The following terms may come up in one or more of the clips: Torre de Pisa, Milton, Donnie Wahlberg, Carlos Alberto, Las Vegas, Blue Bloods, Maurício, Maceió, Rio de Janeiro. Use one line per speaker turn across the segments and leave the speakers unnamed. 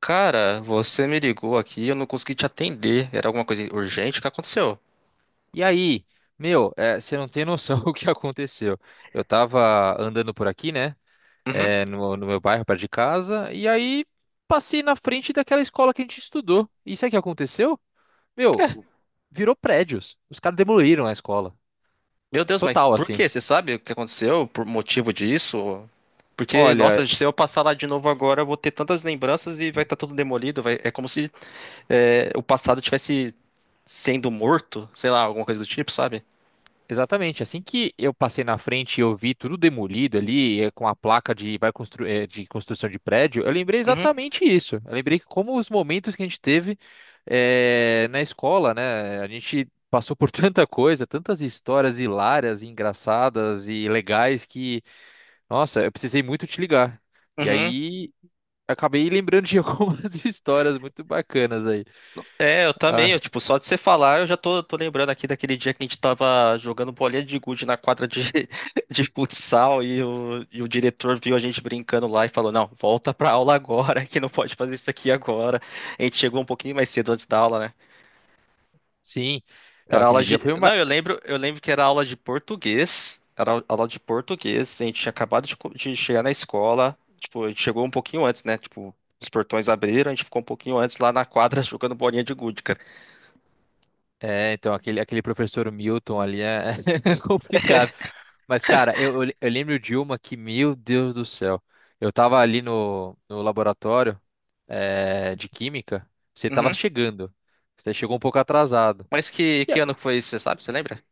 Cara, você me ligou aqui e eu não consegui te atender. Era alguma coisa urgente? O que aconteceu?
E aí, meu, você não tem noção o que aconteceu. Eu tava andando por aqui, né?
Uhum.
No meu bairro, perto de casa, e aí passei na frente daquela escola que a gente estudou. E sabe o que aconteceu? Meu,
É.
virou prédios. Os caras demoliram a escola.
Meu Deus, mas
Total,
por
assim.
quê? Você sabe o que aconteceu? Por motivo disso? Porque,
Olha,
nossa, se eu passar lá de novo agora, eu vou ter tantas lembranças e vai estar tudo demolido. É como se o passado tivesse sendo morto, sei lá, alguma coisa do tipo, sabe?
exatamente. Assim que eu passei na frente e eu vi tudo demolido ali, com a placa de, de construção de prédio, eu lembrei
Uhum.
exatamente isso. Eu lembrei que como os momentos que a gente teve na escola, né? A gente passou por tanta coisa, tantas histórias hilárias, e engraçadas e legais que, nossa, eu precisei muito te ligar. E
Uhum.
aí acabei lembrando de algumas histórias muito bacanas aí.
É, eu também,
Ah,
eu, tipo, só de você falar, eu já tô lembrando aqui daquele dia que a gente tava jogando bolinha de gude na quadra de futsal e o diretor viu a gente brincando lá e falou, não, volta pra aula agora, que não pode fazer isso aqui agora. A gente chegou um pouquinho mais cedo antes da aula, né?
sim. Não,
Era
aquele
aula
dia
de...
foi...
Não, eu lembro que era aula de português, era aula de português, a gente tinha acabado de, de chegar na escola, tipo, a gente chegou um pouquinho antes, né? Tipo, os portões abriram, a gente ficou um pouquinho antes lá na quadra jogando bolinha de gude, cara.
É, então, aquele professor Milton ali é complicado. Mas, cara, eu lembro de uma que, meu Deus do céu, eu tava ali no laboratório, de química, você tava chegando, você chegou um pouco atrasado.
Mas que,
E
que
aí,
ano que foi isso, você sabe? Você lembra?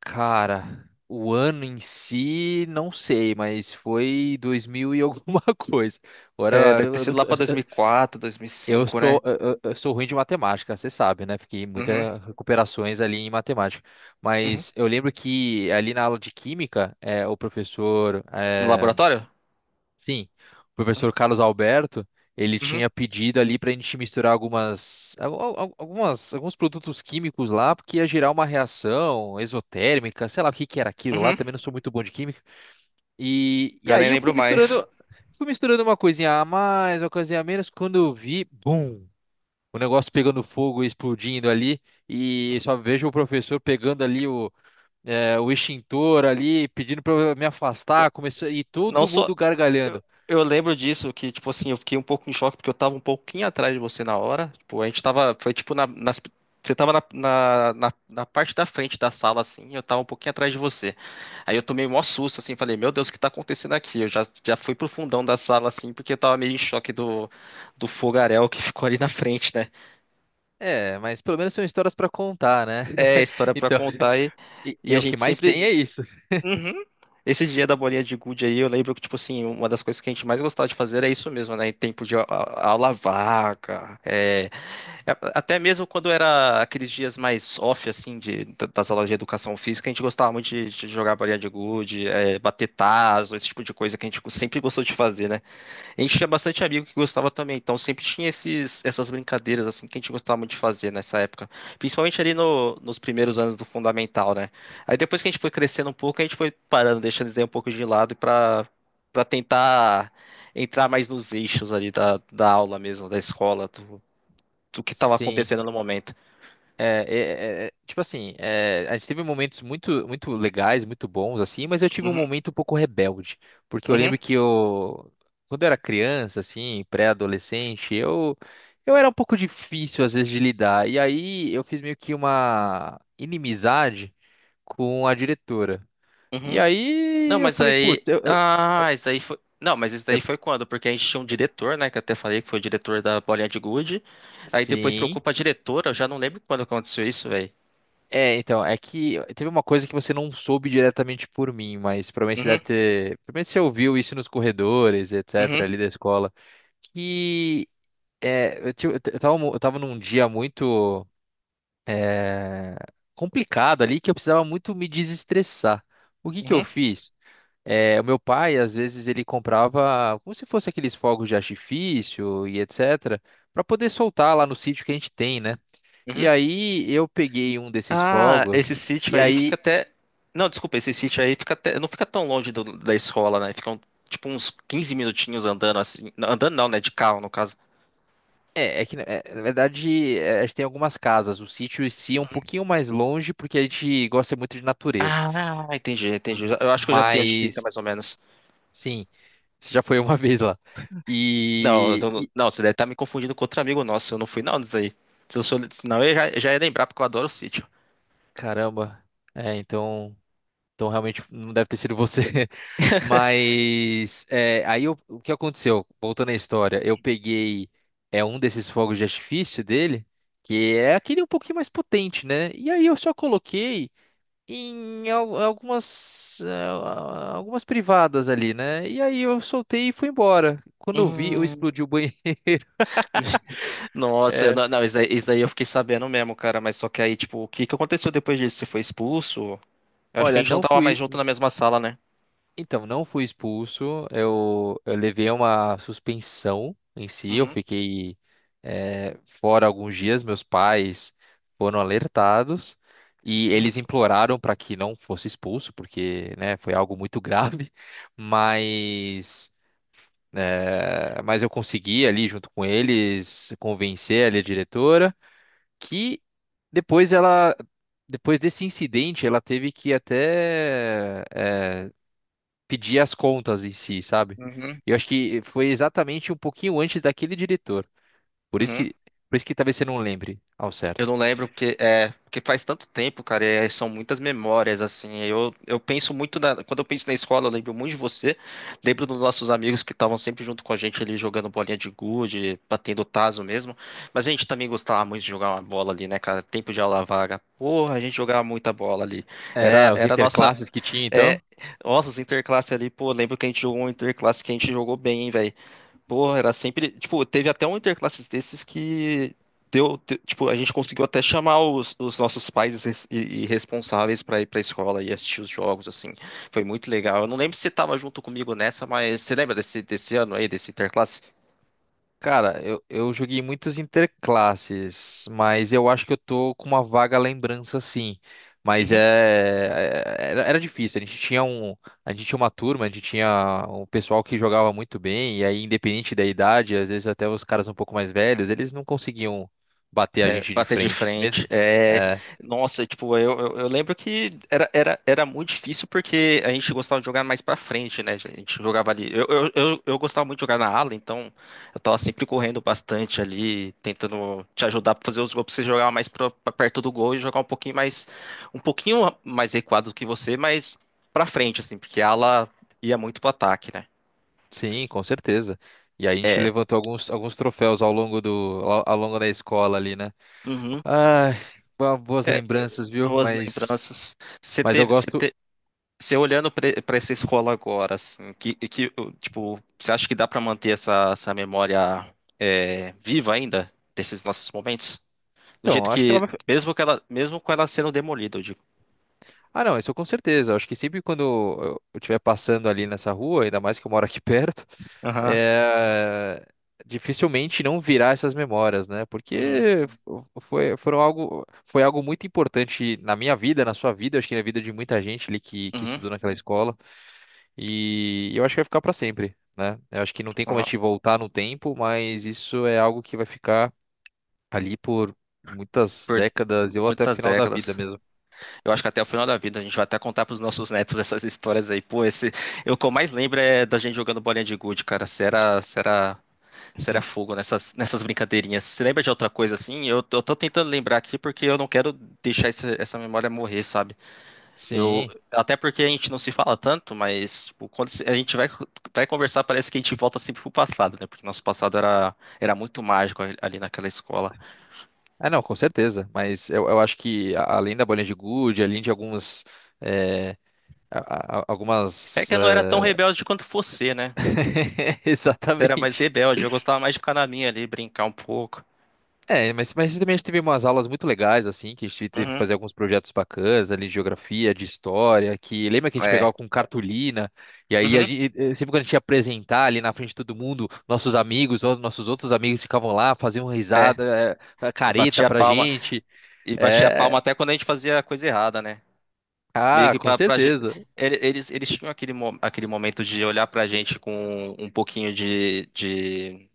cara, o ano em si não sei, mas foi 2000 e alguma coisa. Agora,
É, deve ter
eu não
sido lá pra 2004,
Eu
2005, né?
sou, eu sou ruim de matemática, você sabe, né? Fiquei
Uhum,
muitas recuperações ali em matemática.
uhum.
Mas eu lembro que ali na aula de química, o professor,
No laboratório?
sim, o
Uhum,
professor Carlos Alberto, ele
uhum.
tinha pedido ali para a gente misturar algumas, alguns produtos químicos lá, porque ia gerar uma reação exotérmica, sei lá o que que era aquilo lá,
uhum.
também não sou muito bom de química. E
Já nem
aí eu
lembro mais.
fui misturando uma coisinha a mais, uma coisinha a menos, quando eu vi, bum! O negócio pegando fogo e explodindo ali, e só vejo o professor pegando ali o extintor ali, pedindo para eu me afastar, começou, e
Não
todo
sou,
mundo
Eu,
gargalhando.
eu lembro disso, que, tipo assim, eu fiquei um pouco em choque, porque eu tava um pouquinho atrás de você na hora. Tipo, a gente tava. Foi tipo na. Você tava na parte da frente da sala, assim, e eu tava um pouquinho atrás de você. Aí eu tomei um maior susto, assim, falei, meu Deus, o que tá acontecendo aqui? Eu já fui pro fundão da sala, assim, porque eu tava meio em choque do fogaréu que ficou ali na frente, né?
É, mas pelo menos são histórias para contar, né?
É, história pra
Então,
contar,
e,
e
e
a
o que
gente
mais
sempre.
tem é isso.
Uhum. Esse dia da bolinha de gude aí, eu lembro que, tipo assim, uma das coisas que a gente mais gostava de fazer era isso mesmo, né? Em tempo de aula vaga, até mesmo quando era aqueles dias mais off, assim, das aulas de educação física, a gente gostava muito de jogar bolinha de gude, é, bater tazo, esse tipo de coisa que a gente sempre gostou de fazer, né? A gente tinha bastante amigo que gostava também, então sempre tinha essas brincadeiras assim que a gente gostava muito de fazer nessa época, principalmente ali nos primeiros anos do fundamental, né? Aí depois que a gente foi crescendo um pouco, a gente foi parando, deixando isso daí um pouco de lado para para tentar entrar mais nos eixos ali da aula mesmo, da escola, do, do que estava
Sim.
acontecendo no momento.
É, tipo assim, a gente teve momentos muito, muito legais, muito bons, assim, mas eu tive um
Uhum,
momento um pouco rebelde, porque eu
uhum,
lembro que eu, quando eu era criança, assim, pré-adolescente, eu era um pouco difícil, às vezes, de lidar, e aí eu fiz meio que uma inimizade com a diretora, e
uhum. Não,
aí eu
mas
falei, putz,
aí.
eu, eu-
Ah, isso daí foi. Não, mas isso
eu-
daí foi quando? Porque a gente tinha um diretor, né? Que eu até falei que foi o diretor da Bolinha de Gude. Aí depois trocou
Sim.
pra diretora. Eu já não lembro quando aconteceu isso, velho.
É, então, é que teve uma coisa que você não soube diretamente por mim, mas provavelmente você
Uhum,
deve ter. Provavelmente você ouviu isso nos corredores, etc.,
uhum,
ali da escola. Que eu tava, eu tava num dia muito é, complicado ali que eu precisava muito me desestressar. O que que eu
uhum,
fiz? É, o meu pai, às vezes, ele comprava como se fosse aqueles fogos de artifício e etc., para poder soltar lá no sítio que a gente tem, né? E
uhum.
aí eu peguei um desses
Ah,
fogos.
esse sítio
E
aí fica
aí...
até. Não, desculpa, esse sítio aí fica até. Não fica tão longe da escola, né? Ficam tipo uns 15 minutinhos andando assim. Andando não, né? De carro, no caso.
É, é que na verdade, a gente tem algumas casas. O sítio em si é um
Uhum.
pouquinho mais longe porque a gente gosta muito de natureza.
Ah, entendi,
M-
entendi. Eu acho que eu já sei onde
Mas
fica, mais ou menos.
sim, você já foi uma vez lá.
Não,
E, e-
não, você deve estar me confundindo com outro amigo nosso. Eu não fui não disso aí. Se eu sou, senão eu já ia lembrar, porque eu adoro o sítio.
Caramba. Então, realmente não deve ter sido você. Mas, aí o que aconteceu? Voltando à história, eu peguei um desses fogos de artifício dele. Que é aquele um pouquinho mais potente, né? E aí eu só coloquei em algumas privadas ali, né? E aí eu soltei e fui embora. Quando eu vi, eu
Hum,
explodi o banheiro.
nossa,
É.
não, não, isso daí eu fiquei sabendo mesmo, cara. Mas só que aí, tipo, o que que aconteceu depois disso? Você foi expulso? Eu acho que a
Olha,
gente não
não
tava mais
fui.
junto na mesma sala, né?
Então, não fui expulso. Eu levei uma suspensão em si. Eu
Uhum,
fiquei fora alguns dias. Meus pais foram alertados e
uhum,
eles imploraram para que não fosse expulso, porque, né, foi algo muito grave. Mas... É, mas eu consegui ali, junto com eles, convencer ali a diretora que... depois ela, depois desse incidente, ela teve que até, pedir as contas em si, sabe?
uhum,
Eu acho que foi exatamente um pouquinho antes daquele diretor. Por isso
uhum.
que, por isso que talvez você não lembre ao
Eu
certo.
não lembro porque é porque faz tanto tempo, cara, e são muitas memórias assim. Eu penso muito na, quando eu penso na escola, eu lembro muito de você, lembro dos nossos amigos que estavam sempre junto com a gente ali jogando bolinha de gude, batendo tazo mesmo. Mas a gente também gostava muito de jogar uma bola ali, né, cara? Tempo de aula vaga. Porra, a gente jogava muita bola ali.
É,
Era
os
era a nossa
interclasses que tinha,
é,
então.
nossa, os interclasse ali, pô, lembro que a gente jogou um interclasse que a gente jogou bem, hein, velho. Pô, era sempre. Tipo, teve até um interclasses desses que deu. Tipo, a gente conseguiu até chamar os nossos pais e responsáveis pra ir pra escola e assistir os jogos, assim. Foi muito legal. Eu não lembro se você tava junto comigo nessa, mas você lembra desse ano aí, desse interclasse?
Cara, eu joguei muitos interclasses, mas eu acho que eu tô com uma vaga lembrança, sim. Mas era difícil. A gente tinha uma turma, a gente tinha um pessoal que jogava muito bem, e aí, independente da idade, às vezes até os caras um pouco mais velhos, eles não conseguiam bater a
É,
gente de
bater de
frente. Mesmo,
frente. É,
é,
nossa, tipo, eu lembro que era muito difícil porque a gente gostava de jogar mais pra frente, né? A gente jogava ali. Eu gostava muito de jogar na ala, então eu tava sempre correndo bastante ali, tentando te ajudar pra fazer os gols, pra você jogar mais pra perto do gol e jogar um pouquinho mais recuado do que você, mas pra frente, assim, porque a ala ia muito pro ataque, né?
sim, com certeza. E aí a gente
É.
levantou alguns troféus ao longo ao longo da escola ali, né?
Uhum.
Ai, boas
É, é,
lembranças, viu?
boas
Mas,
lembranças. Você
mas eu
teve,
gosto.
Você olhando para essa escola agora, assim, que tipo, você acha que dá para manter essa memória é, viva ainda desses nossos momentos? Do
Então,
jeito
eu acho que ela
que,
vai.
mesmo que ela, mesmo com ela sendo demolida, eu digo.
Ah, não, isso com certeza. Eu acho que sempre quando eu estiver passando ali nessa rua, ainda mais que eu moro aqui perto,
Aham.
é... dificilmente não virar essas memórias, né?
Uhum.
Porque foi algo muito importante na minha vida, na sua vida, acho que na vida de muita gente ali que
Uhum.
estudou naquela escola. E eu acho que vai ficar para sempre, né? Eu acho que não tem como a
Aham.
gente voltar no tempo, mas isso é algo que vai ficar ali por muitas
Por
décadas, ou até o
muitas
final da vida
décadas.
mesmo.
Eu acho que até o final da vida a gente vai até contar pros nossos netos essas histórias aí. Pô, esse, eu, o que eu mais lembro é da gente jogando bolinha de gude, cara. Será, será Será fogo nessas brincadeirinhas. Você lembra de outra coisa assim? Eu, eu tô tentando lembrar aqui porque eu não quero deixar essa memória morrer, sabe? Eu,
Sim.
até porque a gente não se fala tanto, mas tipo, quando a gente vai, vai conversar, parece que a gente volta sempre pro passado, né? Porque nosso passado era muito mágico ali naquela escola.
É, não, com certeza. Mas eu acho que além da bolinha de gude, além de alguns. é,
É
Algumas.
que eu não era tão rebelde quanto você, né? Você era mais
Exatamente.
rebelde, eu gostava mais de ficar na minha ali, brincar um pouco.
É, mas também a gente teve umas aulas muito legais, assim, que a gente teve que
Uhum,
fazer alguns projetos bacanas ali, de geografia, de história, que lembra que a gente
é.
pegava com cartolina, e aí a
Uhum,
gente, sempre quando a gente ia apresentar ali na frente de todo mundo, nossos amigos, ou nossos outros amigos ficavam lá, faziam
é.
risada,
E
careta
batia a
pra
palma,
gente.
e batia a palma
É,
até quando a gente fazia coisa errada, né? Meio
ah,
que
com
pra, pra gente.
certeza.
Eles tinham aquele, aquele momento de olhar pra gente com um pouquinho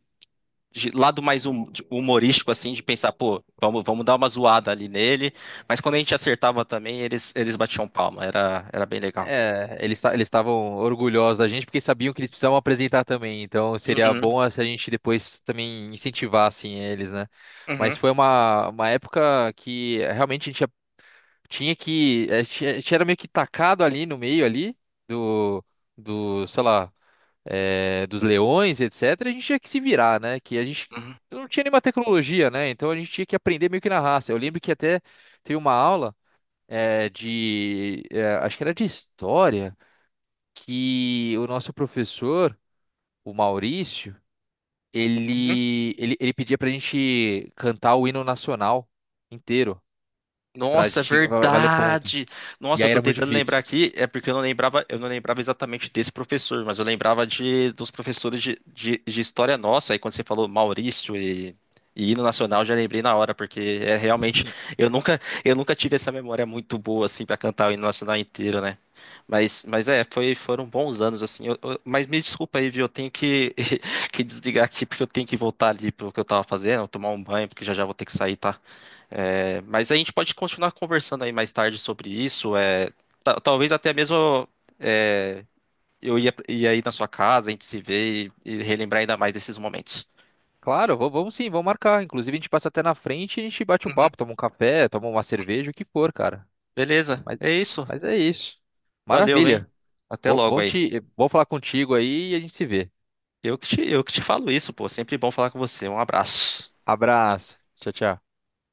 de lado mais humorístico, assim, de pensar, pô, vamos, vamos dar uma zoada ali nele. Mas quando a gente acertava também, eles batiam palma. Era, era bem legal.
É, eles eles estavam orgulhosos da gente porque sabiam que eles precisavam apresentar também. Então seria
Uhum,
bom se a gente depois também incentivasse eles, né? Mas
uhum,
foi uma época que realmente a gente era meio que tacado ali no meio ali do do, sei lá, dos leões, etc. A gente tinha que se virar, né? Que a gente
uhum.
não tinha nenhuma tecnologia, né? Então a gente tinha que aprender meio que na raça. Eu lembro que até teve uma aula, de, acho que era de história, que o nosso professor, o Maurício, ele pedia pra gente cantar o hino nacional inteiro, pra
Nossa, é
gente valer ponto.
verdade.
E
Nossa, eu
aí
tô
era muito
tentando
difícil.
lembrar aqui, é porque eu não lembrava exatamente desse professor, mas eu lembrava de dos professores de história nossa. Aí quando você falou Maurício e hino nacional, eu já lembrei na hora, porque é realmente eu nunca tive essa memória muito boa assim pra cantar o hino nacional inteiro, né? Mas é, foi foram bons anos assim. Mas me desculpa aí, viu? Eu tenho que que desligar aqui porque eu tenho que voltar ali pro que eu tava fazendo, tomar um banho, porque já vou ter que sair, tá? É, mas a gente pode continuar conversando aí mais tarde sobre isso. É, talvez até mesmo é, ia aí na sua casa, a gente se vê e relembrar ainda mais desses momentos.
Claro, vamos sim, vamos marcar. Inclusive, a gente passa até na frente e a gente bate um
Uhum.
papo, toma um café, toma uma cerveja, o que for, cara.
Beleza,
Mas,
é isso.
mas é isso.
Valeu, hein?
Maravilha.
Até
Vou,
logo
vão
aí.
te, vou falar contigo aí e a gente se vê.
Eu que te falo isso, pô. Sempre bom falar com você. Um abraço.
Abraço. Tchau, tchau.